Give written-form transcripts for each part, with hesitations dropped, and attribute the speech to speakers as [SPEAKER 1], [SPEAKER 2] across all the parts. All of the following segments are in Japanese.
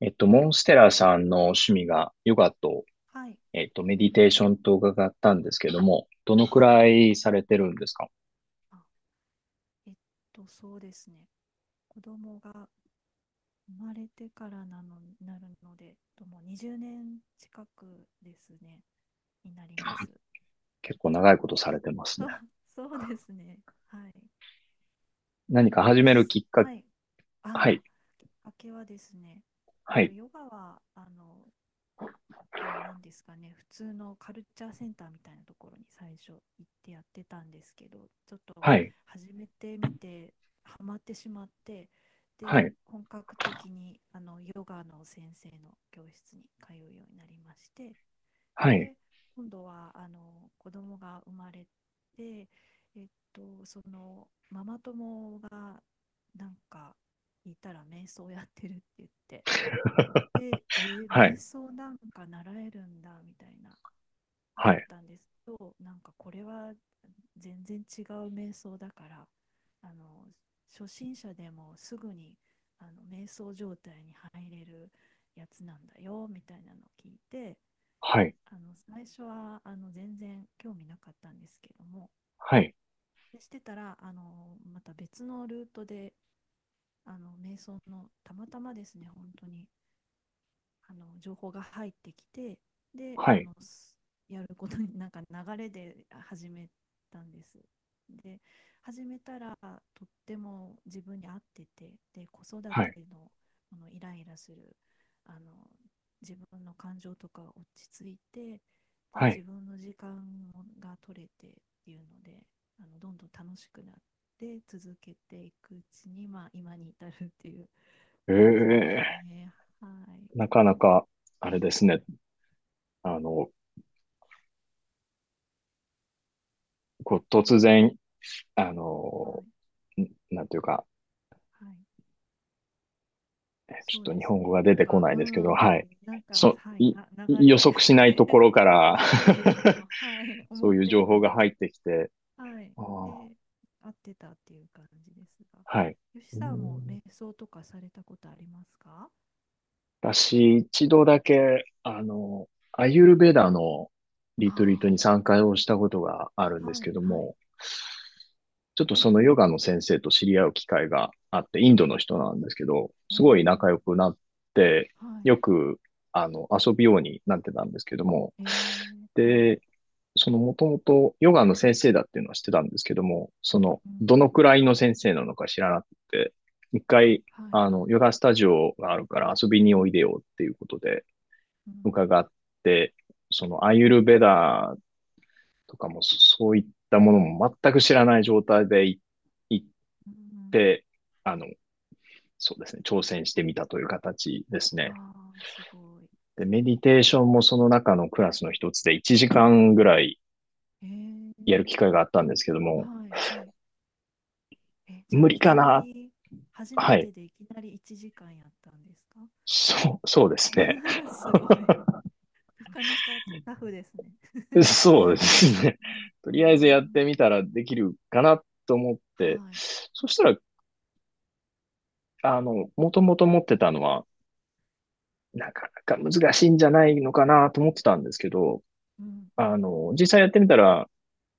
[SPEAKER 1] モンステラさんの趣味がヨガと、
[SPEAKER 2] はい、
[SPEAKER 1] メディテーションと伺ったんですけども、どのく
[SPEAKER 2] はい。
[SPEAKER 1] らいされてるんですか？
[SPEAKER 2] あ、えっそうですね。子供が生まれてからなの、なるので、ともう20年近くですね、になりま
[SPEAKER 1] はい。
[SPEAKER 2] す。
[SPEAKER 1] 結構長いことされてます
[SPEAKER 2] そ
[SPEAKER 1] ね。
[SPEAKER 2] う、そうですね。はい。
[SPEAKER 1] 何か始
[SPEAKER 2] よ
[SPEAKER 1] め
[SPEAKER 2] し、
[SPEAKER 1] るきっかけ、
[SPEAKER 2] はい。
[SPEAKER 1] は
[SPEAKER 2] あ
[SPEAKER 1] い、
[SPEAKER 2] あ、明けはですね、えっ
[SPEAKER 1] は
[SPEAKER 2] と、
[SPEAKER 1] い、
[SPEAKER 2] ヨガは、あの、なんですかね、普通のカルチャーセンターみたいなところに最初行ってやってたんですけど、ちょっと
[SPEAKER 1] はい、
[SPEAKER 2] 始めてみてハマってしまって、
[SPEAKER 1] は
[SPEAKER 2] で
[SPEAKER 1] い、
[SPEAKER 2] 本格的にあのヨガの先生の教室に通うようになりまして、
[SPEAKER 1] はい、
[SPEAKER 2] で今度はあの子供が生まれて、えっそのママ友がなんかいたら瞑想やってるって言って、で、瞑
[SPEAKER 1] は
[SPEAKER 2] 想なんか習えるんだみたいなだ
[SPEAKER 1] い、
[SPEAKER 2] ったんですけど、なんかこれは全然違う瞑想だから、あの初心者でもすぐにあの瞑想状態に入れるやつなんだよみたいなのを聞いて、
[SPEAKER 1] はい、
[SPEAKER 2] あの最初はあの全然興味なかったんですけども、
[SPEAKER 1] はい、
[SPEAKER 2] でしてたらあのまた別のルートであの瞑想の、たまたまですね、本当に。あの情報が入ってきて、で
[SPEAKER 1] はい、
[SPEAKER 2] あ
[SPEAKER 1] はい、
[SPEAKER 2] のやることになんか流れで始めたんです。で始めたらとっても自分に合ってて、で子育
[SPEAKER 1] は
[SPEAKER 2] て
[SPEAKER 1] い、
[SPEAKER 2] のこのイライラするあの自分の感情とか落ち着いて、で
[SPEAKER 1] は
[SPEAKER 2] 自
[SPEAKER 1] い。
[SPEAKER 2] 分の時間が取れてっていうので、あのどんどん楽しくなって続けていくうちに、まあ、今に至るっていう感じです
[SPEAKER 1] ええ、
[SPEAKER 2] ね。はい、
[SPEAKER 1] なかなか、あれですね。あの、こう、突然、あ
[SPEAKER 2] は
[SPEAKER 1] の、
[SPEAKER 2] い、
[SPEAKER 1] んなんていうか、
[SPEAKER 2] はい、
[SPEAKER 1] ち
[SPEAKER 2] そう
[SPEAKER 1] ょっと
[SPEAKER 2] で
[SPEAKER 1] 日
[SPEAKER 2] す
[SPEAKER 1] 本語
[SPEAKER 2] ね。
[SPEAKER 1] が出
[SPEAKER 2] なん
[SPEAKER 1] てこ
[SPEAKER 2] か、
[SPEAKER 1] な
[SPEAKER 2] う
[SPEAKER 1] いですけど、
[SPEAKER 2] ん、うん、
[SPEAKER 1] はい。
[SPEAKER 2] なんか、
[SPEAKER 1] そ、
[SPEAKER 2] はい、
[SPEAKER 1] い、
[SPEAKER 2] 流
[SPEAKER 1] 予
[SPEAKER 2] れで、
[SPEAKER 1] 測し
[SPEAKER 2] はい。
[SPEAKER 1] ないところ から
[SPEAKER 2] そうなんですよ。はい、
[SPEAKER 1] そ
[SPEAKER 2] 思
[SPEAKER 1] う
[SPEAKER 2] っ
[SPEAKER 1] いう
[SPEAKER 2] て
[SPEAKER 1] 情
[SPEAKER 2] も
[SPEAKER 1] 報
[SPEAKER 2] み
[SPEAKER 1] が
[SPEAKER 2] な
[SPEAKER 1] 入
[SPEAKER 2] く、
[SPEAKER 1] ってきて、
[SPEAKER 2] はい、
[SPEAKER 1] あー、
[SPEAKER 2] で、合ってたっていう感じですが、
[SPEAKER 1] はい。
[SPEAKER 2] 吉
[SPEAKER 1] うー
[SPEAKER 2] さんも
[SPEAKER 1] ん、
[SPEAKER 2] 瞑想とかされたことありますか？
[SPEAKER 1] 私、一度だけ、アユルベダのリトリート
[SPEAKER 2] あ
[SPEAKER 1] に参加をしたことがあるん
[SPEAKER 2] あ、
[SPEAKER 1] です
[SPEAKER 2] は
[SPEAKER 1] け
[SPEAKER 2] い、
[SPEAKER 1] ど
[SPEAKER 2] はい、
[SPEAKER 1] も、ちょっとそのヨガの先生と知り合う機会があって、インドの人なんですけど、
[SPEAKER 2] え
[SPEAKER 1] すごい仲良
[SPEAKER 2] ー、
[SPEAKER 1] くなって、
[SPEAKER 2] はい、
[SPEAKER 1] よく、遊ぶようになってたんですけども、
[SPEAKER 2] えー、はい、
[SPEAKER 1] で、そのもともとヨガの先生だっていうのは知ってたんですけども、その、
[SPEAKER 2] うん、
[SPEAKER 1] どのくらいの先生なのか知らなくて、一回、
[SPEAKER 2] はい、
[SPEAKER 1] ヨガスタジオがあるから遊びにおいでよっていうことで
[SPEAKER 2] うん、
[SPEAKER 1] 伺って、そのアーユルベダーとかもそういったものも全く知らない状態で行っ
[SPEAKER 2] うん、
[SPEAKER 1] て、あの、そうですね、挑戦してみたという形ですね。
[SPEAKER 2] わあ、すごい。
[SPEAKER 1] で、メディテーションもその中のクラスの一つで1時間ぐらい
[SPEAKER 2] え
[SPEAKER 1] やる
[SPEAKER 2] ー、
[SPEAKER 1] 機会があったんですけども、
[SPEAKER 2] はい、はい。え、じゃあ、
[SPEAKER 1] 無理
[SPEAKER 2] い
[SPEAKER 1] か
[SPEAKER 2] きな
[SPEAKER 1] なっ。
[SPEAKER 2] り、初め
[SPEAKER 1] はい。
[SPEAKER 2] てでいきなり1時間やったんですか？
[SPEAKER 1] そう、そうですね。
[SPEAKER 2] すごい。なかなかタフですね。
[SPEAKER 1] そうですね。
[SPEAKER 2] うん、
[SPEAKER 1] と
[SPEAKER 2] うー
[SPEAKER 1] りあえずやっ
[SPEAKER 2] ん、
[SPEAKER 1] てみたらできるかなと思っ
[SPEAKER 2] は
[SPEAKER 1] て、
[SPEAKER 2] い。
[SPEAKER 1] そしたら、もともと持ってたのは、なかなか難しいんじゃないのかなと思ってたんですけど、
[SPEAKER 2] うん、うん。
[SPEAKER 1] 実際やってみたら、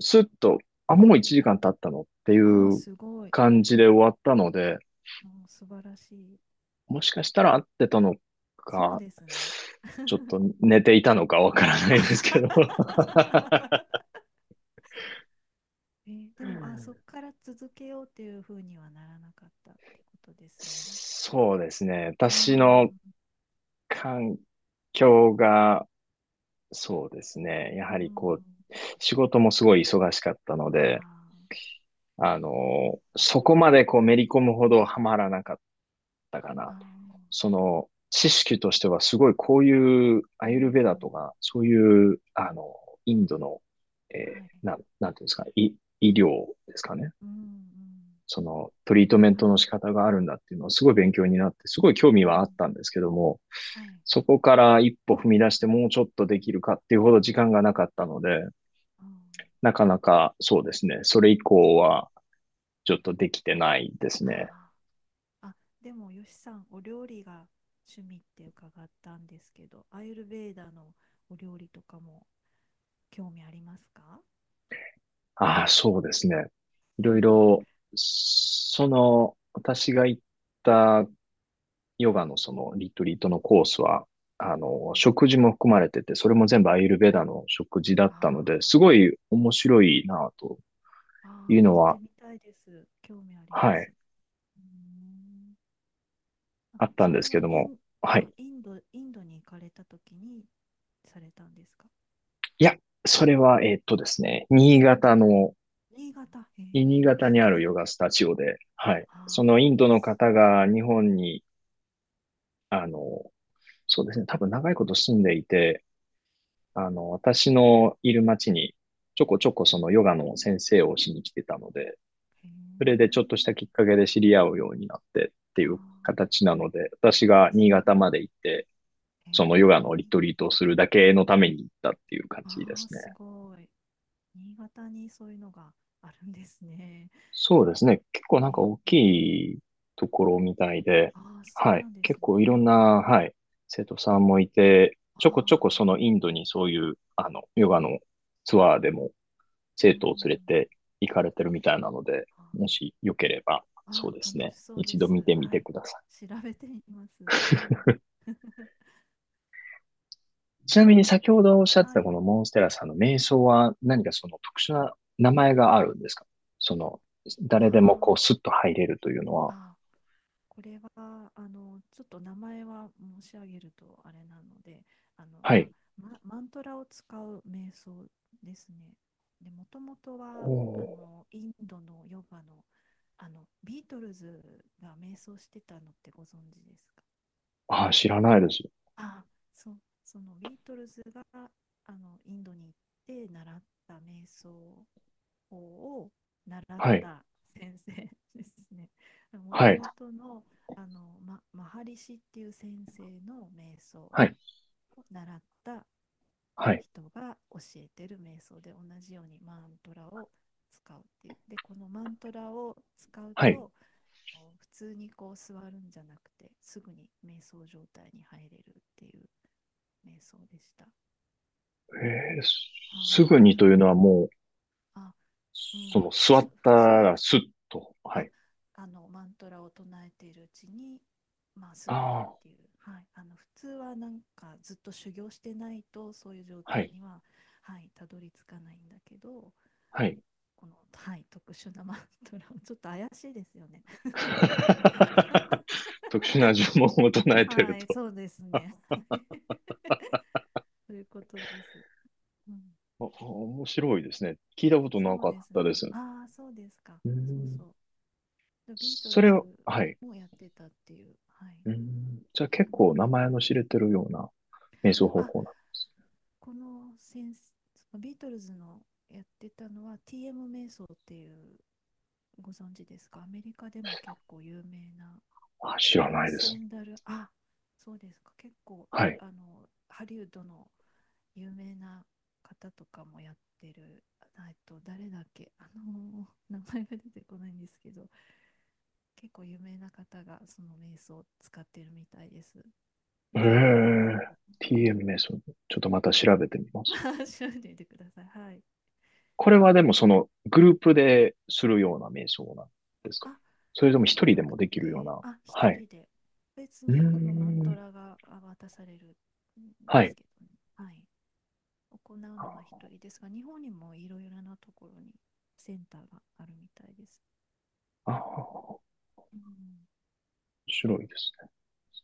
[SPEAKER 1] スッと、あ、もう1時間経ったのってい
[SPEAKER 2] ああ、
[SPEAKER 1] う
[SPEAKER 2] すごい。
[SPEAKER 1] 感じで終わったので、
[SPEAKER 2] もう素晴らしい。
[SPEAKER 1] もしかしたら合ってたの
[SPEAKER 2] そう
[SPEAKER 1] か、
[SPEAKER 2] ですね。
[SPEAKER 1] ちょっと寝ていたのかわから な
[SPEAKER 2] あ
[SPEAKER 1] いですけど。
[SPEAKER 2] は は。えーでも、あ、そこから続けようっていうふうにはならなかったってことですね。
[SPEAKER 1] そうですね。
[SPEAKER 2] うー
[SPEAKER 1] 私の
[SPEAKER 2] ん、
[SPEAKER 1] 環境が、そうですね。や
[SPEAKER 2] うー
[SPEAKER 1] はり
[SPEAKER 2] ん、
[SPEAKER 1] こう、仕事もすごい忙しかったので、
[SPEAKER 2] あー、
[SPEAKER 1] そこまでこうめり込むほどハマらなかったかな。
[SPEAKER 2] あ
[SPEAKER 1] その、知識としてはすごいこういうアー
[SPEAKER 2] ー、うん、
[SPEAKER 1] ユルヴェ
[SPEAKER 2] う
[SPEAKER 1] ダと
[SPEAKER 2] ん、
[SPEAKER 1] か、そういう、インドの、
[SPEAKER 2] はい。
[SPEAKER 1] なんていうんですかね、医療ですかね。
[SPEAKER 2] うん、うん、
[SPEAKER 1] そのトリートメント
[SPEAKER 2] は
[SPEAKER 1] の
[SPEAKER 2] い。
[SPEAKER 1] 仕方があるんだっていうのはすごい勉強になって、すごい興味
[SPEAKER 2] う
[SPEAKER 1] はあっ
[SPEAKER 2] ん。
[SPEAKER 1] たんですけども、
[SPEAKER 2] はい。
[SPEAKER 1] そこから一歩踏み出してもうちょっとできるかっていうほど時間がなかったので、
[SPEAKER 2] うん。
[SPEAKER 1] なかなかそうですね、それ以
[SPEAKER 2] そ
[SPEAKER 1] 降
[SPEAKER 2] うか。
[SPEAKER 1] はちょっとできてないですね。
[SPEAKER 2] あー、あ、でも、よしさん、お料理が趣味って伺ったんですけど、アーユルベーダのお料理とかも興味ありますか？
[SPEAKER 1] ああ、そうですね。いろい ろ、その、私が行ったヨガのそのリトリートのコースは、
[SPEAKER 2] うん。
[SPEAKER 1] 食事も含まれてて、それも全部アーユルベーダの食事だっ
[SPEAKER 2] あ
[SPEAKER 1] たので、
[SPEAKER 2] ー、
[SPEAKER 1] すごい面白いなぁと
[SPEAKER 2] あー、
[SPEAKER 1] いう
[SPEAKER 2] あ、
[SPEAKER 1] の
[SPEAKER 2] 行って
[SPEAKER 1] は、
[SPEAKER 2] みたいです。興味あり
[SPEAKER 1] は
[SPEAKER 2] ま
[SPEAKER 1] い、
[SPEAKER 2] す。うーん。あ、
[SPEAKER 1] あったん
[SPEAKER 2] そ
[SPEAKER 1] で
[SPEAKER 2] れ
[SPEAKER 1] すけ
[SPEAKER 2] は
[SPEAKER 1] ど
[SPEAKER 2] イ
[SPEAKER 1] も、
[SPEAKER 2] ン、
[SPEAKER 1] は
[SPEAKER 2] あ、
[SPEAKER 1] い。
[SPEAKER 2] インドに行かれた時にされたんですか？
[SPEAKER 1] いや、それは、ですね、
[SPEAKER 2] 新潟。へ
[SPEAKER 1] 新潟にあ
[SPEAKER 2] え。
[SPEAKER 1] るヨガスタジオで、はい。その
[SPEAKER 2] あ
[SPEAKER 1] インドの方
[SPEAKER 2] あ。
[SPEAKER 1] が日本に、あの、そうですね、多分長いこと住んでいて、私のいる町に、ちょこちょこそのヨガの先生をしに来てたので、
[SPEAKER 2] へえ。
[SPEAKER 1] それでちょっとしたきっかけで知り合うようになってってい
[SPEAKER 2] あ
[SPEAKER 1] う形なので、私が
[SPEAKER 2] ー、す
[SPEAKER 1] 新
[SPEAKER 2] ご
[SPEAKER 1] 潟まで
[SPEAKER 2] い。
[SPEAKER 1] 行って、
[SPEAKER 2] えー、
[SPEAKER 1] そのヨガのリトリートをするだけのために行ったっていう感じで
[SPEAKER 2] ああ、
[SPEAKER 1] すね。
[SPEAKER 2] すごい。新潟にそういうのがあるんですね。
[SPEAKER 1] そうですね。結構
[SPEAKER 2] え
[SPEAKER 1] な
[SPEAKER 2] ー、
[SPEAKER 1] んか大
[SPEAKER 2] え
[SPEAKER 1] き
[SPEAKER 2] ー、
[SPEAKER 1] いところみたいで、
[SPEAKER 2] ああ、そう
[SPEAKER 1] はい。
[SPEAKER 2] なんです
[SPEAKER 1] 結
[SPEAKER 2] ね。
[SPEAKER 1] 構いろんな、はい、生徒さんもいて、
[SPEAKER 2] あ
[SPEAKER 1] ちょこちょこ
[SPEAKER 2] あ、
[SPEAKER 1] そのインドにそういう、ヨガのツアーでも
[SPEAKER 2] う
[SPEAKER 1] 生
[SPEAKER 2] ん。
[SPEAKER 1] 徒を連れて行かれてるみたいなので、
[SPEAKER 2] あ
[SPEAKER 1] もしよければ、
[SPEAKER 2] ー、
[SPEAKER 1] そ
[SPEAKER 2] あ
[SPEAKER 1] うで
[SPEAKER 2] ー、
[SPEAKER 1] す
[SPEAKER 2] 楽し
[SPEAKER 1] ね。
[SPEAKER 2] そうで
[SPEAKER 1] 一度
[SPEAKER 2] す。
[SPEAKER 1] 見てみ
[SPEAKER 2] は
[SPEAKER 1] て
[SPEAKER 2] い。
[SPEAKER 1] くださ
[SPEAKER 2] 調べてみます。はい。
[SPEAKER 1] い。ちなみに先ほどおっしゃって
[SPEAKER 2] は
[SPEAKER 1] た
[SPEAKER 2] い。
[SPEAKER 1] このモンステラさんの瞑想は何かその特殊な名前があるんですか？その、
[SPEAKER 2] あ
[SPEAKER 1] 誰でもこ
[SPEAKER 2] ー、
[SPEAKER 1] うスッと入れるというのは。
[SPEAKER 2] あ、これはあのちょっと名前は申し上げるとあれなので、あの、
[SPEAKER 1] は
[SPEAKER 2] あ、
[SPEAKER 1] い。
[SPEAKER 2] ま、マントラを使う瞑想ですね。でもともと
[SPEAKER 1] お
[SPEAKER 2] はあ
[SPEAKER 1] ー、
[SPEAKER 2] のインドのヨガの、あのビートルズが瞑想してたのってご存知ですか？
[SPEAKER 1] ああ、知らないです。
[SPEAKER 2] あ、そう、そのビートルズがあのインドに行って習った瞑想法を習っ
[SPEAKER 1] はい。
[SPEAKER 2] た先生ですね。もと
[SPEAKER 1] はい。
[SPEAKER 2] もとの、ま、マハリシっていう先生の瞑想を
[SPEAKER 1] はい。
[SPEAKER 2] 習った
[SPEAKER 1] はい。
[SPEAKER 2] 人が教えてる瞑想で、同じようにマントラを使うっていう。で、このマントラを使う
[SPEAKER 1] はい。
[SPEAKER 2] と、普通にこう座るんじゃなくて、すぐに瞑想状態に入れるっていう瞑想でした。
[SPEAKER 1] えー、すす
[SPEAKER 2] はい。
[SPEAKER 1] ぐにという のはもう、
[SPEAKER 2] あ、う
[SPEAKER 1] そ
[SPEAKER 2] ん。
[SPEAKER 1] の、座
[SPEAKER 2] 普
[SPEAKER 1] った
[SPEAKER 2] 通、
[SPEAKER 1] らスッと。は
[SPEAKER 2] あ、
[SPEAKER 1] い。
[SPEAKER 2] あのマントラを唱えているうちに、まあ、すぐにっ
[SPEAKER 1] あ
[SPEAKER 2] ていう、はい、あの普通はなんかずっと修行してないとそういう状
[SPEAKER 1] あ、は
[SPEAKER 2] 態
[SPEAKER 1] い。
[SPEAKER 2] には、はい、たどり着かないんだけど、
[SPEAKER 1] はい。
[SPEAKER 2] この、はい、特殊なマントラ、ちょっと怪しいですよね。
[SPEAKER 1] 特殊な呪文を唱えてる
[SPEAKER 2] はい、
[SPEAKER 1] と。
[SPEAKER 2] そうですね。そういうことです。うん、
[SPEAKER 1] あ面白いですね。聞いたことな
[SPEAKER 2] そう
[SPEAKER 1] かっ
[SPEAKER 2] です
[SPEAKER 1] たで
[SPEAKER 2] ね。
[SPEAKER 1] す。う
[SPEAKER 2] ああ、そうですか。そう、
[SPEAKER 1] ん。
[SPEAKER 2] そう。でビート
[SPEAKER 1] そ
[SPEAKER 2] ル
[SPEAKER 1] れを、
[SPEAKER 2] ズ
[SPEAKER 1] はい。
[SPEAKER 2] もやってたっていう。はい。
[SPEAKER 1] うん。じゃあ結
[SPEAKER 2] う
[SPEAKER 1] 構名
[SPEAKER 2] ん、
[SPEAKER 1] 前の知れてるような瞑想方
[SPEAKER 2] あ、
[SPEAKER 1] 法な。
[SPEAKER 2] この先そのビートルズのやってたのは TM 瞑想っていう、ご存知ですか？アメリカでも結構有名な、
[SPEAKER 1] あ、知
[SPEAKER 2] ト
[SPEAKER 1] ら
[SPEAKER 2] ラン
[SPEAKER 1] ないで
[SPEAKER 2] セ
[SPEAKER 1] す。
[SPEAKER 2] ンダルあ、そうですか、結構
[SPEAKER 1] はい。
[SPEAKER 2] あのハリウッドの有名な方とかもやってる、えっと誰だっけ、あの名前が出てこないんですけど、結構有名な方がその瞑想を使ってるみたいです。
[SPEAKER 1] へえ、
[SPEAKER 2] TM 瞑想、う
[SPEAKER 1] TM
[SPEAKER 2] ん、
[SPEAKER 1] 瞑想。ちょっとまた調べてみます。
[SPEAKER 2] はい。 調べてみてください、はい。
[SPEAKER 1] これはでもそのグループでするような瞑想なんですか？
[SPEAKER 2] あ
[SPEAKER 1] それとも
[SPEAKER 2] で
[SPEAKER 1] 一
[SPEAKER 2] は
[SPEAKER 1] 人
[SPEAKER 2] な
[SPEAKER 1] でも
[SPEAKER 2] く
[SPEAKER 1] できるよう
[SPEAKER 2] て、
[SPEAKER 1] な。
[SPEAKER 2] 一
[SPEAKER 1] はい。
[SPEAKER 2] 人で、別
[SPEAKER 1] うー
[SPEAKER 2] にこのマント
[SPEAKER 1] ん。
[SPEAKER 2] ラが、渡されるんで
[SPEAKER 1] はい。
[SPEAKER 2] すけどね、はい、行うのは
[SPEAKER 1] あ
[SPEAKER 2] 一人ですが、日本にもいろいろなところにセンターがあるみたいです。
[SPEAKER 1] あ、面
[SPEAKER 2] うん、
[SPEAKER 1] 白いですね。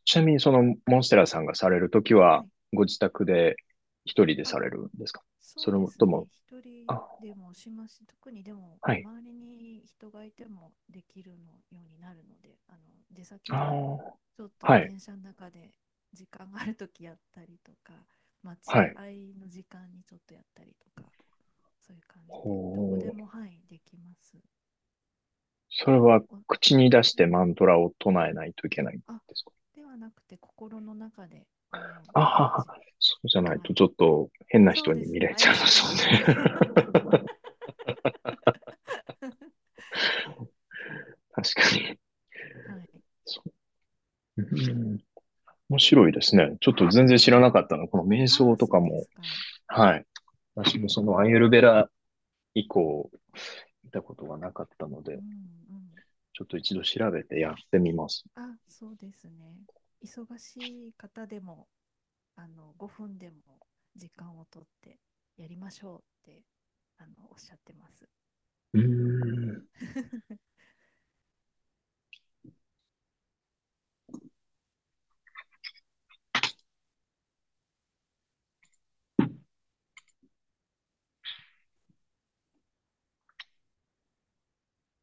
[SPEAKER 1] ちなみにそのモンステラさんがされるとき
[SPEAKER 2] は
[SPEAKER 1] は、
[SPEAKER 2] い。
[SPEAKER 1] ご自宅で一人で
[SPEAKER 2] あ、
[SPEAKER 1] されるんですか？そ
[SPEAKER 2] そう
[SPEAKER 1] れ
[SPEAKER 2] です
[SPEAKER 1] とも、
[SPEAKER 2] ね。一人
[SPEAKER 1] あ、
[SPEAKER 2] でもしますし、特にでも
[SPEAKER 1] はい。
[SPEAKER 2] 周りに人がいてもできるのようになるので、あの出先
[SPEAKER 1] あ
[SPEAKER 2] で
[SPEAKER 1] あ、
[SPEAKER 2] ちょっと
[SPEAKER 1] はい。
[SPEAKER 2] 電車の中で時間があるときやったりとか、
[SPEAKER 1] は
[SPEAKER 2] 待
[SPEAKER 1] い。
[SPEAKER 2] 合の時間にちょっとやったりとか、そういう感じでどこ
[SPEAKER 1] ほ
[SPEAKER 2] で
[SPEAKER 1] う。
[SPEAKER 2] も、はい、できます。
[SPEAKER 1] それは
[SPEAKER 2] お、う
[SPEAKER 1] 口に出して
[SPEAKER 2] ん、
[SPEAKER 1] マントラを唱えないといけないんで
[SPEAKER 2] あ、
[SPEAKER 1] すか？
[SPEAKER 2] ではなくて心の中で思う
[SPEAKER 1] あは
[SPEAKER 2] 感
[SPEAKER 1] は、
[SPEAKER 2] じ。
[SPEAKER 1] そうじゃない
[SPEAKER 2] は
[SPEAKER 1] と
[SPEAKER 2] い。
[SPEAKER 1] ちょっと変な
[SPEAKER 2] そう
[SPEAKER 1] 人
[SPEAKER 2] で
[SPEAKER 1] に
[SPEAKER 2] す
[SPEAKER 1] 見
[SPEAKER 2] ね。
[SPEAKER 1] られち
[SPEAKER 2] 怪
[SPEAKER 1] ゃいま
[SPEAKER 2] しい
[SPEAKER 1] す
[SPEAKER 2] ですね。
[SPEAKER 1] よね。確かに。
[SPEAKER 2] はい。
[SPEAKER 1] そう。うん。面白いですね。ちょっと全然知ら
[SPEAKER 2] はい。
[SPEAKER 1] なかったの。この瞑
[SPEAKER 2] あ
[SPEAKER 1] 想
[SPEAKER 2] あ、
[SPEAKER 1] と
[SPEAKER 2] そ
[SPEAKER 1] か
[SPEAKER 2] うで
[SPEAKER 1] も。
[SPEAKER 2] すか。
[SPEAKER 1] はい。私もそのアイユルベラ以降見たことがなかったの
[SPEAKER 2] う
[SPEAKER 1] で、
[SPEAKER 2] ん、うん。
[SPEAKER 1] ちょっと一度調べてやってみます。
[SPEAKER 2] あ、そうですね。忙しい方でも、あの、5分でも時間をとってやりましょうって、あの、おっしゃってます。
[SPEAKER 1] うーん。